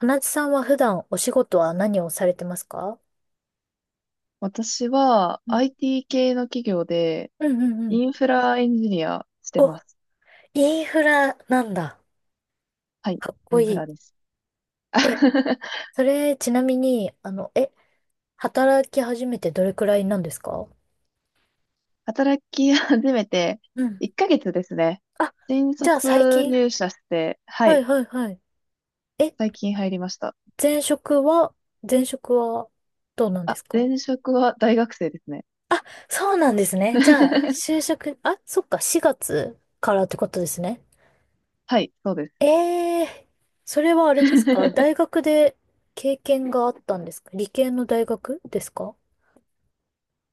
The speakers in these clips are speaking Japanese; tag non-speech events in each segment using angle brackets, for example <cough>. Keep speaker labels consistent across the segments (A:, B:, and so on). A: 花地さんは普段お仕事は何をされてますか？
B: 私は
A: うん
B: IT 系の企業で
A: うん。
B: インフラエンジニアして
A: お、
B: ます。
A: インフラなんだ。
B: はい、
A: かっこ
B: イン
A: い
B: フ
A: い。
B: ラです。
A: え、
B: <laughs>
A: それちなみに、働き始めてどれくらいなんですか？
B: 働き始めて
A: うん。
B: 1ヶ月ですね。
A: あ、
B: 新
A: じゃあ最
B: 卒
A: 近、
B: 入社して、は
A: はい
B: い、
A: はいはい。え、
B: 最近入りました。
A: 前職は、前職はどうなんで
B: あ、
A: すか？
B: 前職は大学生ですね。
A: そうなんですね。じゃあ、就
B: <laughs>
A: 職、あ、そっか、4月からってことですね。
B: はい、そうです。
A: ええ、それはあれですか？大
B: <laughs>
A: 学で経験があったんですか？理系の大学ですか？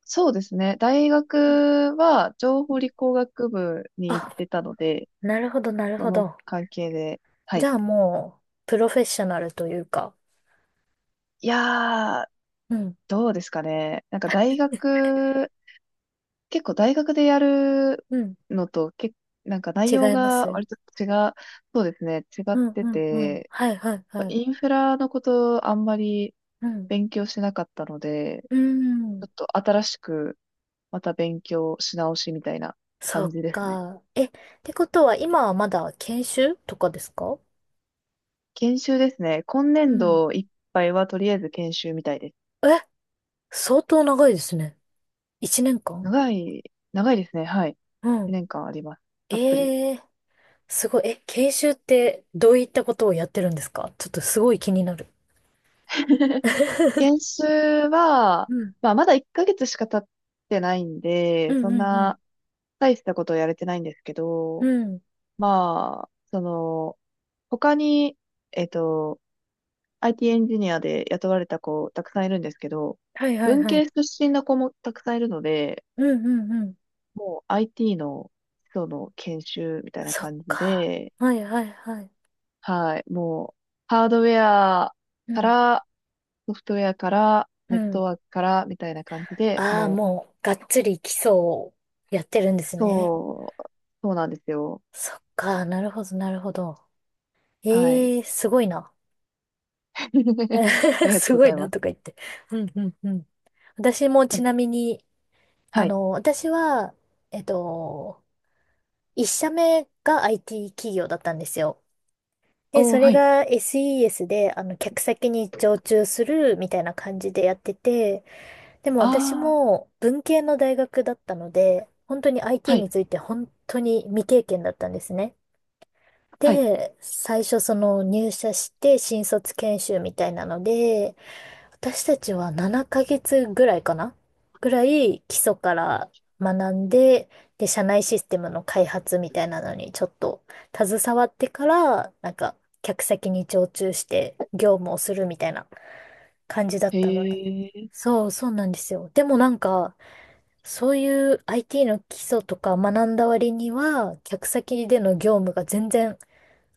B: そうですね。大
A: うん
B: 学は情
A: うん、
B: 報理工学部に行っ
A: あ、
B: てたので、
A: なるほど、なる
B: そ
A: ほ
B: の
A: ど。
B: 関係で、は
A: じ
B: い。
A: ゃあもう、プロフェッショナルというか。
B: いやー、
A: うん、
B: どうですかね。なんか結構大学でやる
A: うん。
B: のと、なんか内
A: 違
B: 容
A: いま
B: が
A: す？
B: 割と違う、そうですね、違っ
A: うん、
B: て
A: うん、うん。
B: て、
A: はい、はい、はい。
B: インフラのことあんまり
A: うん。
B: 勉強しなかったので、
A: うー
B: ちょっ
A: ん。
B: と新しくまた勉強し直しみたいな
A: そ
B: 感
A: っ
B: じですね。
A: か。てことは今はまだ研修とかですか？
B: 研修ですね。今
A: う
B: 年
A: ん。
B: 度いっぱいはとりあえず研修みたいです。
A: え、相当長いですね。一年間。
B: 長い、長いですね。はい。
A: うん。
B: 2年間あります。たっぷり。
A: ええ、すごい。え、研修ってどういったことをやってるんですか？ちょっとすごい気になる。<laughs>
B: 研修は、
A: うん。
B: まあ、まだ1ヶ月しか経ってないん
A: う
B: で、そ
A: ん
B: ん
A: うん
B: な大したことやれてないんですけ
A: う
B: ど、
A: ん。うん。
B: まあ、その、他に、えっと、IT エンジニアで雇われた子たくさんいるんですけど、
A: はいはい
B: 文
A: は
B: 系
A: い。
B: 出身の子もたくさんいるので、
A: うんうんうん。
B: もう IT の基礎の研修みたいな
A: そっ
B: 感じ
A: か。
B: で、
A: はいはいはい。
B: はい、もうハードウェア
A: う
B: か
A: ん。
B: らソフトウェアから
A: う
B: ネット
A: ん。
B: ワークからみたいな感じで、
A: ああ、
B: もう
A: もう、がっつり基礎をやってるんですね。
B: そう、そうなんですよ。
A: そっか。なるほどなるほど。
B: はい。
A: ええー、すごいな。
B: <laughs> あ
A: <laughs>
B: りがと
A: す
B: うご
A: ご
B: ざ
A: い
B: い
A: な
B: ま
A: とか
B: す。
A: 言って。うんうんうん。私も
B: や
A: ち
B: っ
A: なみに、
B: ぱはい。
A: 私は、えっと、一社目が IT 企業だったんですよ。で、
B: お
A: そ
B: ー、
A: れ
B: はい。
A: が SES で、客先に常駐するみたいな感じでやってて、でも私
B: ああ、
A: も文系の大学だったので、本当に IT
B: はい、
A: について本当に未経験だったんですね。
B: はい。
A: で、最初その入社して新卒研修みたいなので、私たちは7ヶ月ぐらいかな、ぐらい基礎から学んで、で、社内システムの開発みたいなのにちょっと携わってから、客先に常駐して業務をするみたいな感じだっ
B: へ
A: たので。
B: え、
A: そう、そうなんですよ。でもなんか、そういう IT の基礎とか学んだ割には、客先での業務が全然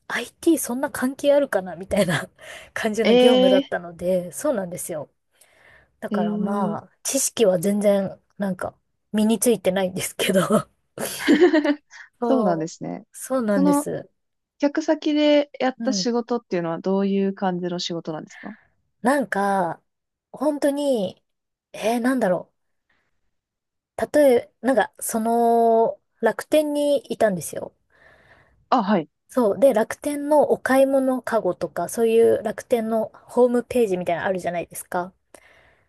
A: IT そんな関係あるかなみたいな <laughs> 感じの業務
B: え
A: だっ
B: ー、
A: たので、そうなんですよ。だ
B: え
A: からま
B: ー、
A: あ、知識は全然、身についてないんですけど。<laughs>
B: そうなんで
A: そ
B: すね。
A: う。そうな
B: そ
A: んで
B: の、
A: す。
B: 客先でやっ
A: う
B: た
A: ん。
B: 仕事っていうのはどういう感じの仕事なんですか？
A: なんか、本当に、えー、なんだろう。例え、なんか、その、楽天にいたんですよ。
B: あ、はい、
A: そう。で、楽天のお買い物カゴとか、そういう楽天のホームページみたいなのあるじゃないですか。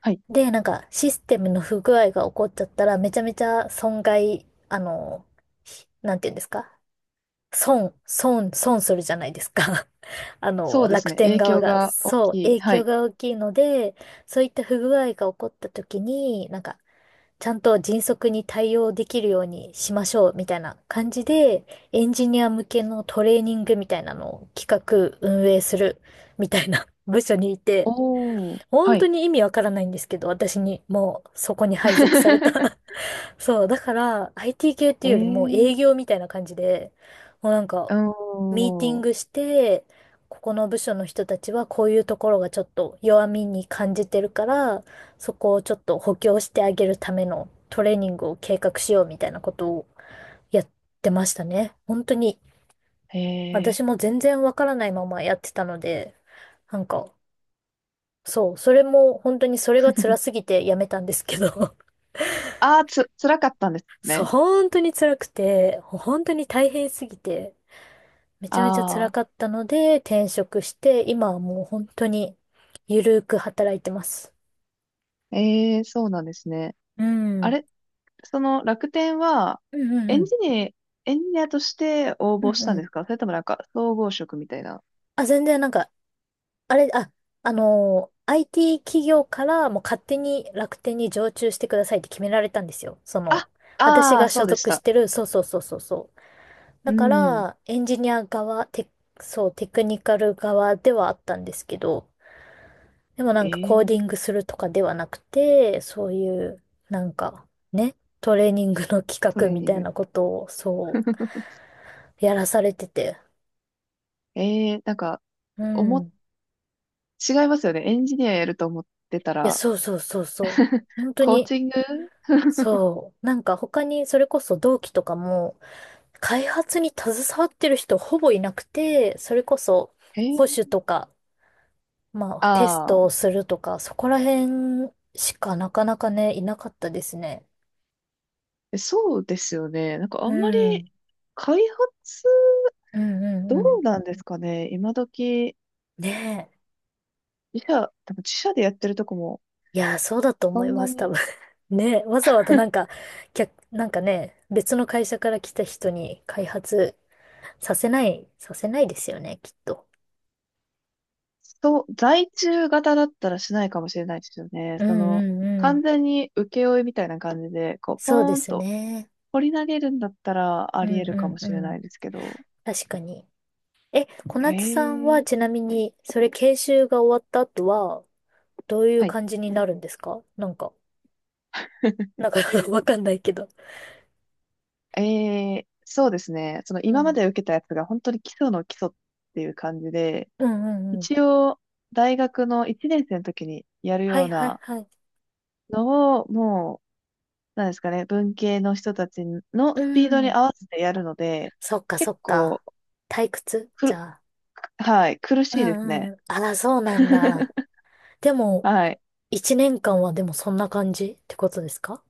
B: はい。
A: で、なんか、システムの不具合が起こっちゃったら、めちゃめちゃ損害、あの、ひなんていうんですか損、損するじゃないですか。<laughs> あ
B: そ
A: の、
B: うです
A: 楽
B: ね。
A: 天
B: 影
A: 側
B: 響
A: が。
B: が大
A: そう、
B: きい。
A: 影
B: は
A: 響
B: い。
A: が大きいので、そういった不具合が起こった時に、ちゃんと迅速に対応できるようにしましょう、みたいな感じで、エンジニア向けのトレーニングみたいなのを企画、運営する、みたいな <laughs> 部署にいて、
B: おー、は
A: 本当
B: い。
A: に意味わからないんですけど、私にもうそこに配属された。
B: <laughs>
A: そう、だから IT 系って
B: え
A: いうよりも
B: ー、
A: 営業みたいな感じで、もうなんか、
B: お
A: ミーティン
B: ー、
A: グして、ここの部署の人たちはこういうところがちょっと弱みに感じてるから、そこをちょっと補強してあげるためのトレーニングを計画しようみたいなことをやってましたね。本当に、
B: へえ。
A: 私も全然わからないままやってたので、なんか、そう、それも本当にそれが辛すぎてやめたんですけど。
B: ああ、辛かったんです
A: そう、
B: ね。
A: 本当に辛くて、本当に大変すぎて、めちゃめちゃ辛
B: あ
A: か
B: あ。
A: ったので、転職して、今はもう本当に、ゆるーく働いてます。
B: ええ、そうなんですね。
A: うん。う
B: あ
A: ん
B: れ、その楽天は、
A: う
B: エ
A: んう
B: ンジ
A: ん。
B: ニエンジニアとして応
A: う
B: 募
A: ん
B: した
A: う
B: んで
A: ん。
B: すか？それともなんか、総合職みたいな。
A: あ、全然なんか、あれ、あ、あのー IT 企業からもう勝手に楽天に常駐してくださいって決められたんですよ。その、
B: あ、
A: 私
B: ああ、
A: が
B: そ
A: 所
B: うでし
A: 属し
B: た。
A: てる、そうそうそうそうそう。だ
B: う
A: か
B: ん。
A: ら、エンジニア側、テ、そう、テクニカル側ではあったんですけど、でもなんかコーデ
B: え
A: ィン
B: え、
A: グするとかではなくて、そういう、なんかね、トレーニングの企
B: ト
A: 画
B: レー
A: み
B: ニ
A: た
B: ン
A: い
B: グ。
A: なことをそ
B: <laughs>
A: うやらされてて。
B: ええ、なんか、
A: う
B: お
A: ん。
B: も、
A: い
B: 違いますよね。エンジニアやると思ってた
A: や、
B: ら、
A: そうそうそうそう。本当
B: コー
A: に、
B: チング。
A: そう。なんか他にそれこそ同期とかも開発に携わってる人ほぼいなくて、それこそ保
B: ええ。
A: 守とか、まあテス
B: ああ
A: ト
B: ー、
A: をするとか、そこら辺しかなかなかね、いなかったですね。
B: そうですよね。なんかあ
A: う
B: んま
A: ん。う
B: り
A: ん
B: 開発、
A: うんう
B: どう
A: ん。
B: なんですかね。今時、
A: ねえ。
B: 多分自社でやってるとこも、
A: いやー、そうだと
B: そ
A: 思い
B: ん
A: ま
B: な
A: す、多
B: に。
A: 分。<laughs> ね、わざわざなんか、客、なんかね、別の会社から来た人に開発させないですよね、きっと。
B: そう、在中型だったらしないかもしれないですよね。
A: うん
B: その、
A: うんう
B: 完
A: ん。
B: 全に請負みたいな感じで、こう、ポ
A: そうで
B: ーン
A: す
B: と
A: ね。
B: 掘り投げるんだったらあ
A: う
B: り
A: ん
B: 得るかも
A: うんう
B: しれな
A: ん。
B: いですけど。
A: 確かに。え、小
B: へ
A: 夏さんは
B: え。
A: ちなみに、それ研修が終わった後は、どういう
B: はい。
A: 感じになるんですか？なんか、なんか <laughs> わかんないけど。
B: ええ、そうですね。その、
A: う
B: 今ま
A: ん。
B: で受けたやつが本当に基礎の基礎っていう感じで、
A: うんうんう
B: 一
A: ん。
B: 応、大学の1年生の時にやる
A: は
B: よ
A: い
B: う
A: はい
B: な
A: はい。
B: のを、もう、なんですかね、文系の人たちの
A: う
B: スピードに
A: ん。
B: 合わせてやるので、
A: そっかそ
B: 結
A: っか。
B: 構、
A: 退屈じゃあ。
B: はい、苦
A: う
B: しいです
A: んう
B: ね。
A: ん。あら、そうなんだ。
B: <laughs>
A: でも、
B: はい。
A: 一年間はでもそんな感じってことですか？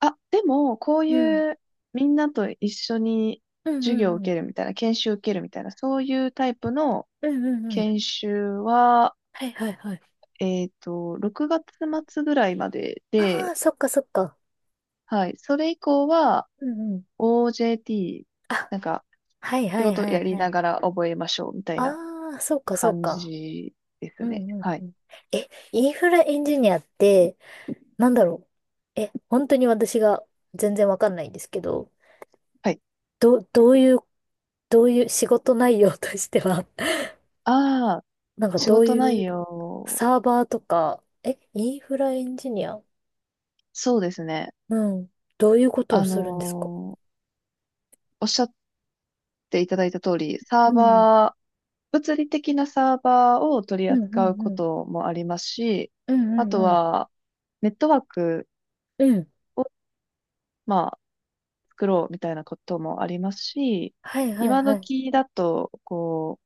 B: あ、でも、こう
A: うん。
B: いうみんなと一緒に
A: うん
B: 授
A: うん
B: 業を
A: う
B: 受
A: ん。
B: けるみたいな、研修を受けるみたいな、そういうタイプの
A: うんうんうん。
B: 研修は、
A: はいはいはい。
B: 6月末ぐらいまで
A: あ
B: で、
A: あ、そっかそっか。
B: はい、それ以降は
A: うんうん。
B: OJT、
A: あ、
B: なんか
A: はい
B: 仕
A: はい
B: 事
A: はい
B: やり
A: はい。
B: ながら覚えましょうみたいな
A: ああ、そっかそっ
B: 感
A: か。
B: じです
A: うん
B: ね。
A: うん
B: は
A: う
B: い。
A: ん。え、インフラエンジニアって、なんだろう。え、本当に私が全然わかんないんですけど、
B: はい。
A: どういう、どういう仕事内容としては、<laughs>
B: ああ、
A: なんか
B: 仕
A: どう
B: 事
A: い
B: 内
A: う、
B: 容、
A: サーバーとか、え、インフラエンジニア、
B: そうですね。
A: うん。どういうことを
B: あの
A: するんですか？
B: ーおっしゃていただいた通り、
A: う
B: サー
A: ん。
B: バー、物理的なサーバーを取り
A: うんうん
B: 扱うこ
A: うん。
B: ともありますし、
A: うんう
B: あ
A: ん
B: と
A: うん。
B: は、ネットワーク
A: うん。
B: を、まあ、作ろうみたいなこともありますし、
A: はいはい
B: 今
A: はい。
B: 時だと、こ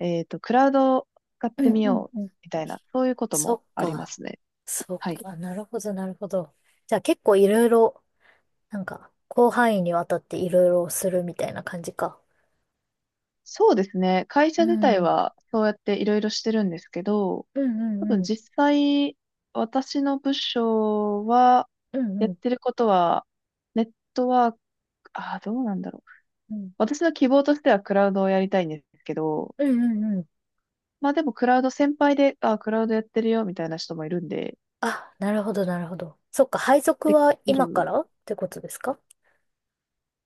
B: う、クラウドを使っ
A: う
B: て
A: ん
B: み
A: うん
B: よう
A: うん。
B: みたいな、そういうこと
A: そ
B: も
A: っ
B: ありま
A: か。
B: すね。
A: そっ
B: はい。
A: か。なるほどなるほど。じゃあ結構いろいろ、なんか、広範囲にわたっていろいろするみたいな感じか。
B: そうですね。会
A: う
B: 社自体
A: ん。うん
B: はそうやっていろいろしてるんですけど、
A: う
B: 多
A: ん
B: 分
A: うん。
B: 実際、私の部署は、
A: うん
B: やっ
A: うん
B: てることは、ネットワーク、ああ、どうなんだろう。
A: うん。
B: 私の希望としてはクラウドをやりたいんですけど、
A: うんうんうん。
B: まあでもクラウド先輩で、ああ、クラウドやってるよ、みたいな人もいるんで、
A: あ、なるほどなるほど。そっか。配属
B: で
A: は
B: き
A: 今か
B: る。
A: らってことですか？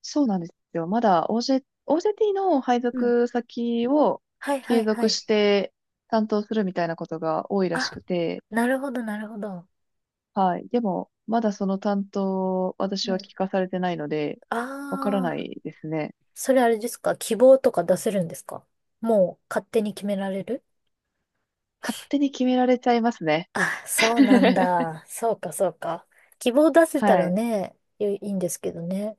B: そうなんですよ。まだ OJT の配
A: うん。
B: 属先を
A: はいは
B: 継
A: いは
B: 続
A: い。
B: して担当するみたいなことが多いらし
A: あ、
B: くて、
A: なるほど、なるほど。
B: はい。でも、まだその担当、私
A: う
B: は
A: ん。
B: 聞かされてないので、わから
A: あ
B: な
A: あ、
B: いですね。
A: それあれですか？希望とか出せるんですか？もう勝手に決められる？
B: 勝手に決められちゃいますね。
A: あ、そうなん
B: <laughs>
A: だ。そうか、そうか。希望出せた
B: は
A: ら
B: い。
A: ね、いいいんですけどね。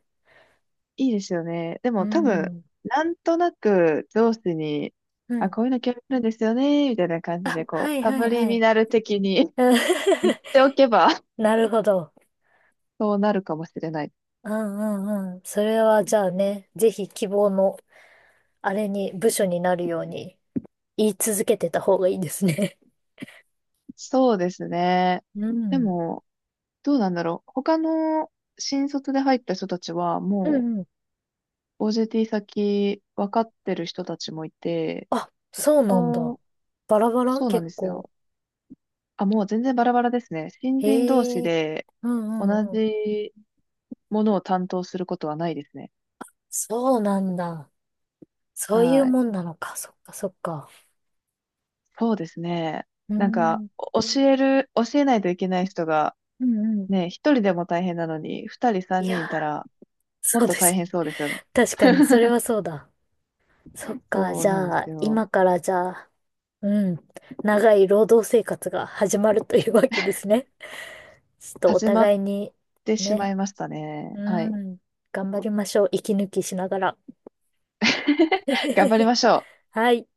B: いいですよね。で
A: う
B: も多分、
A: ん。
B: なんとなく上司に、
A: う
B: あ、
A: ん。
B: こういうの興味あるんですよね、みたいな感じ
A: あ、
B: で、
A: は
B: こう、
A: い
B: サ
A: はい
B: ブリ
A: は
B: ミ
A: い。
B: ナル的に
A: うん
B: <laughs> 言っておけば、<laughs>
A: <laughs> なるほど。
B: そうなるかもしれない。
A: うんうんうん。それはじゃあね、ぜひ希望の、あれに、部署になるように言い続けてた方がいいですね。
B: そうですね。
A: う
B: で
A: ん。
B: も、どうなんだろう。他の新卒で入った人たちは、
A: う
B: も
A: んうん、
B: う OJT 先分かってる人たちもいて、
A: あ、そう
B: あ
A: なんだ。
B: ー、
A: バラバラ
B: そうなん
A: 結
B: です
A: 構。
B: よ。あ、もう全然バラバラですね。新人同士
A: へえ。
B: で
A: う
B: 同
A: んうんうん。
B: じものを担当することはないですね。
A: そうなんだ。そういう
B: はい。
A: もんなのか。そっかそっか。
B: そうですね。
A: うー
B: なんか、
A: ん。
B: お教える、教えないといけない人が、
A: うんうん。
B: ね、一人でも大変なのに、二人
A: い
B: 三
A: や
B: 人いた
A: ー、
B: ら、もっ
A: そう
B: と
A: で
B: 大
A: すよ
B: 変
A: ね。
B: そうですよね。
A: 確かに、それ
B: <laughs>
A: はそうだ。そっか、
B: そう
A: じ
B: なんで
A: ゃ
B: す
A: あ、
B: よ。
A: 今からじゃあ、うん、長い労働生活が始まるというわけですね。ちょっとお
B: 始まっ
A: 互いに、
B: てしま
A: ね、
B: いましたね。
A: う
B: はい。
A: ん、頑張りましょう。息抜きしながら。
B: <laughs> 頑張り
A: <laughs>
B: ましょう。
A: はい。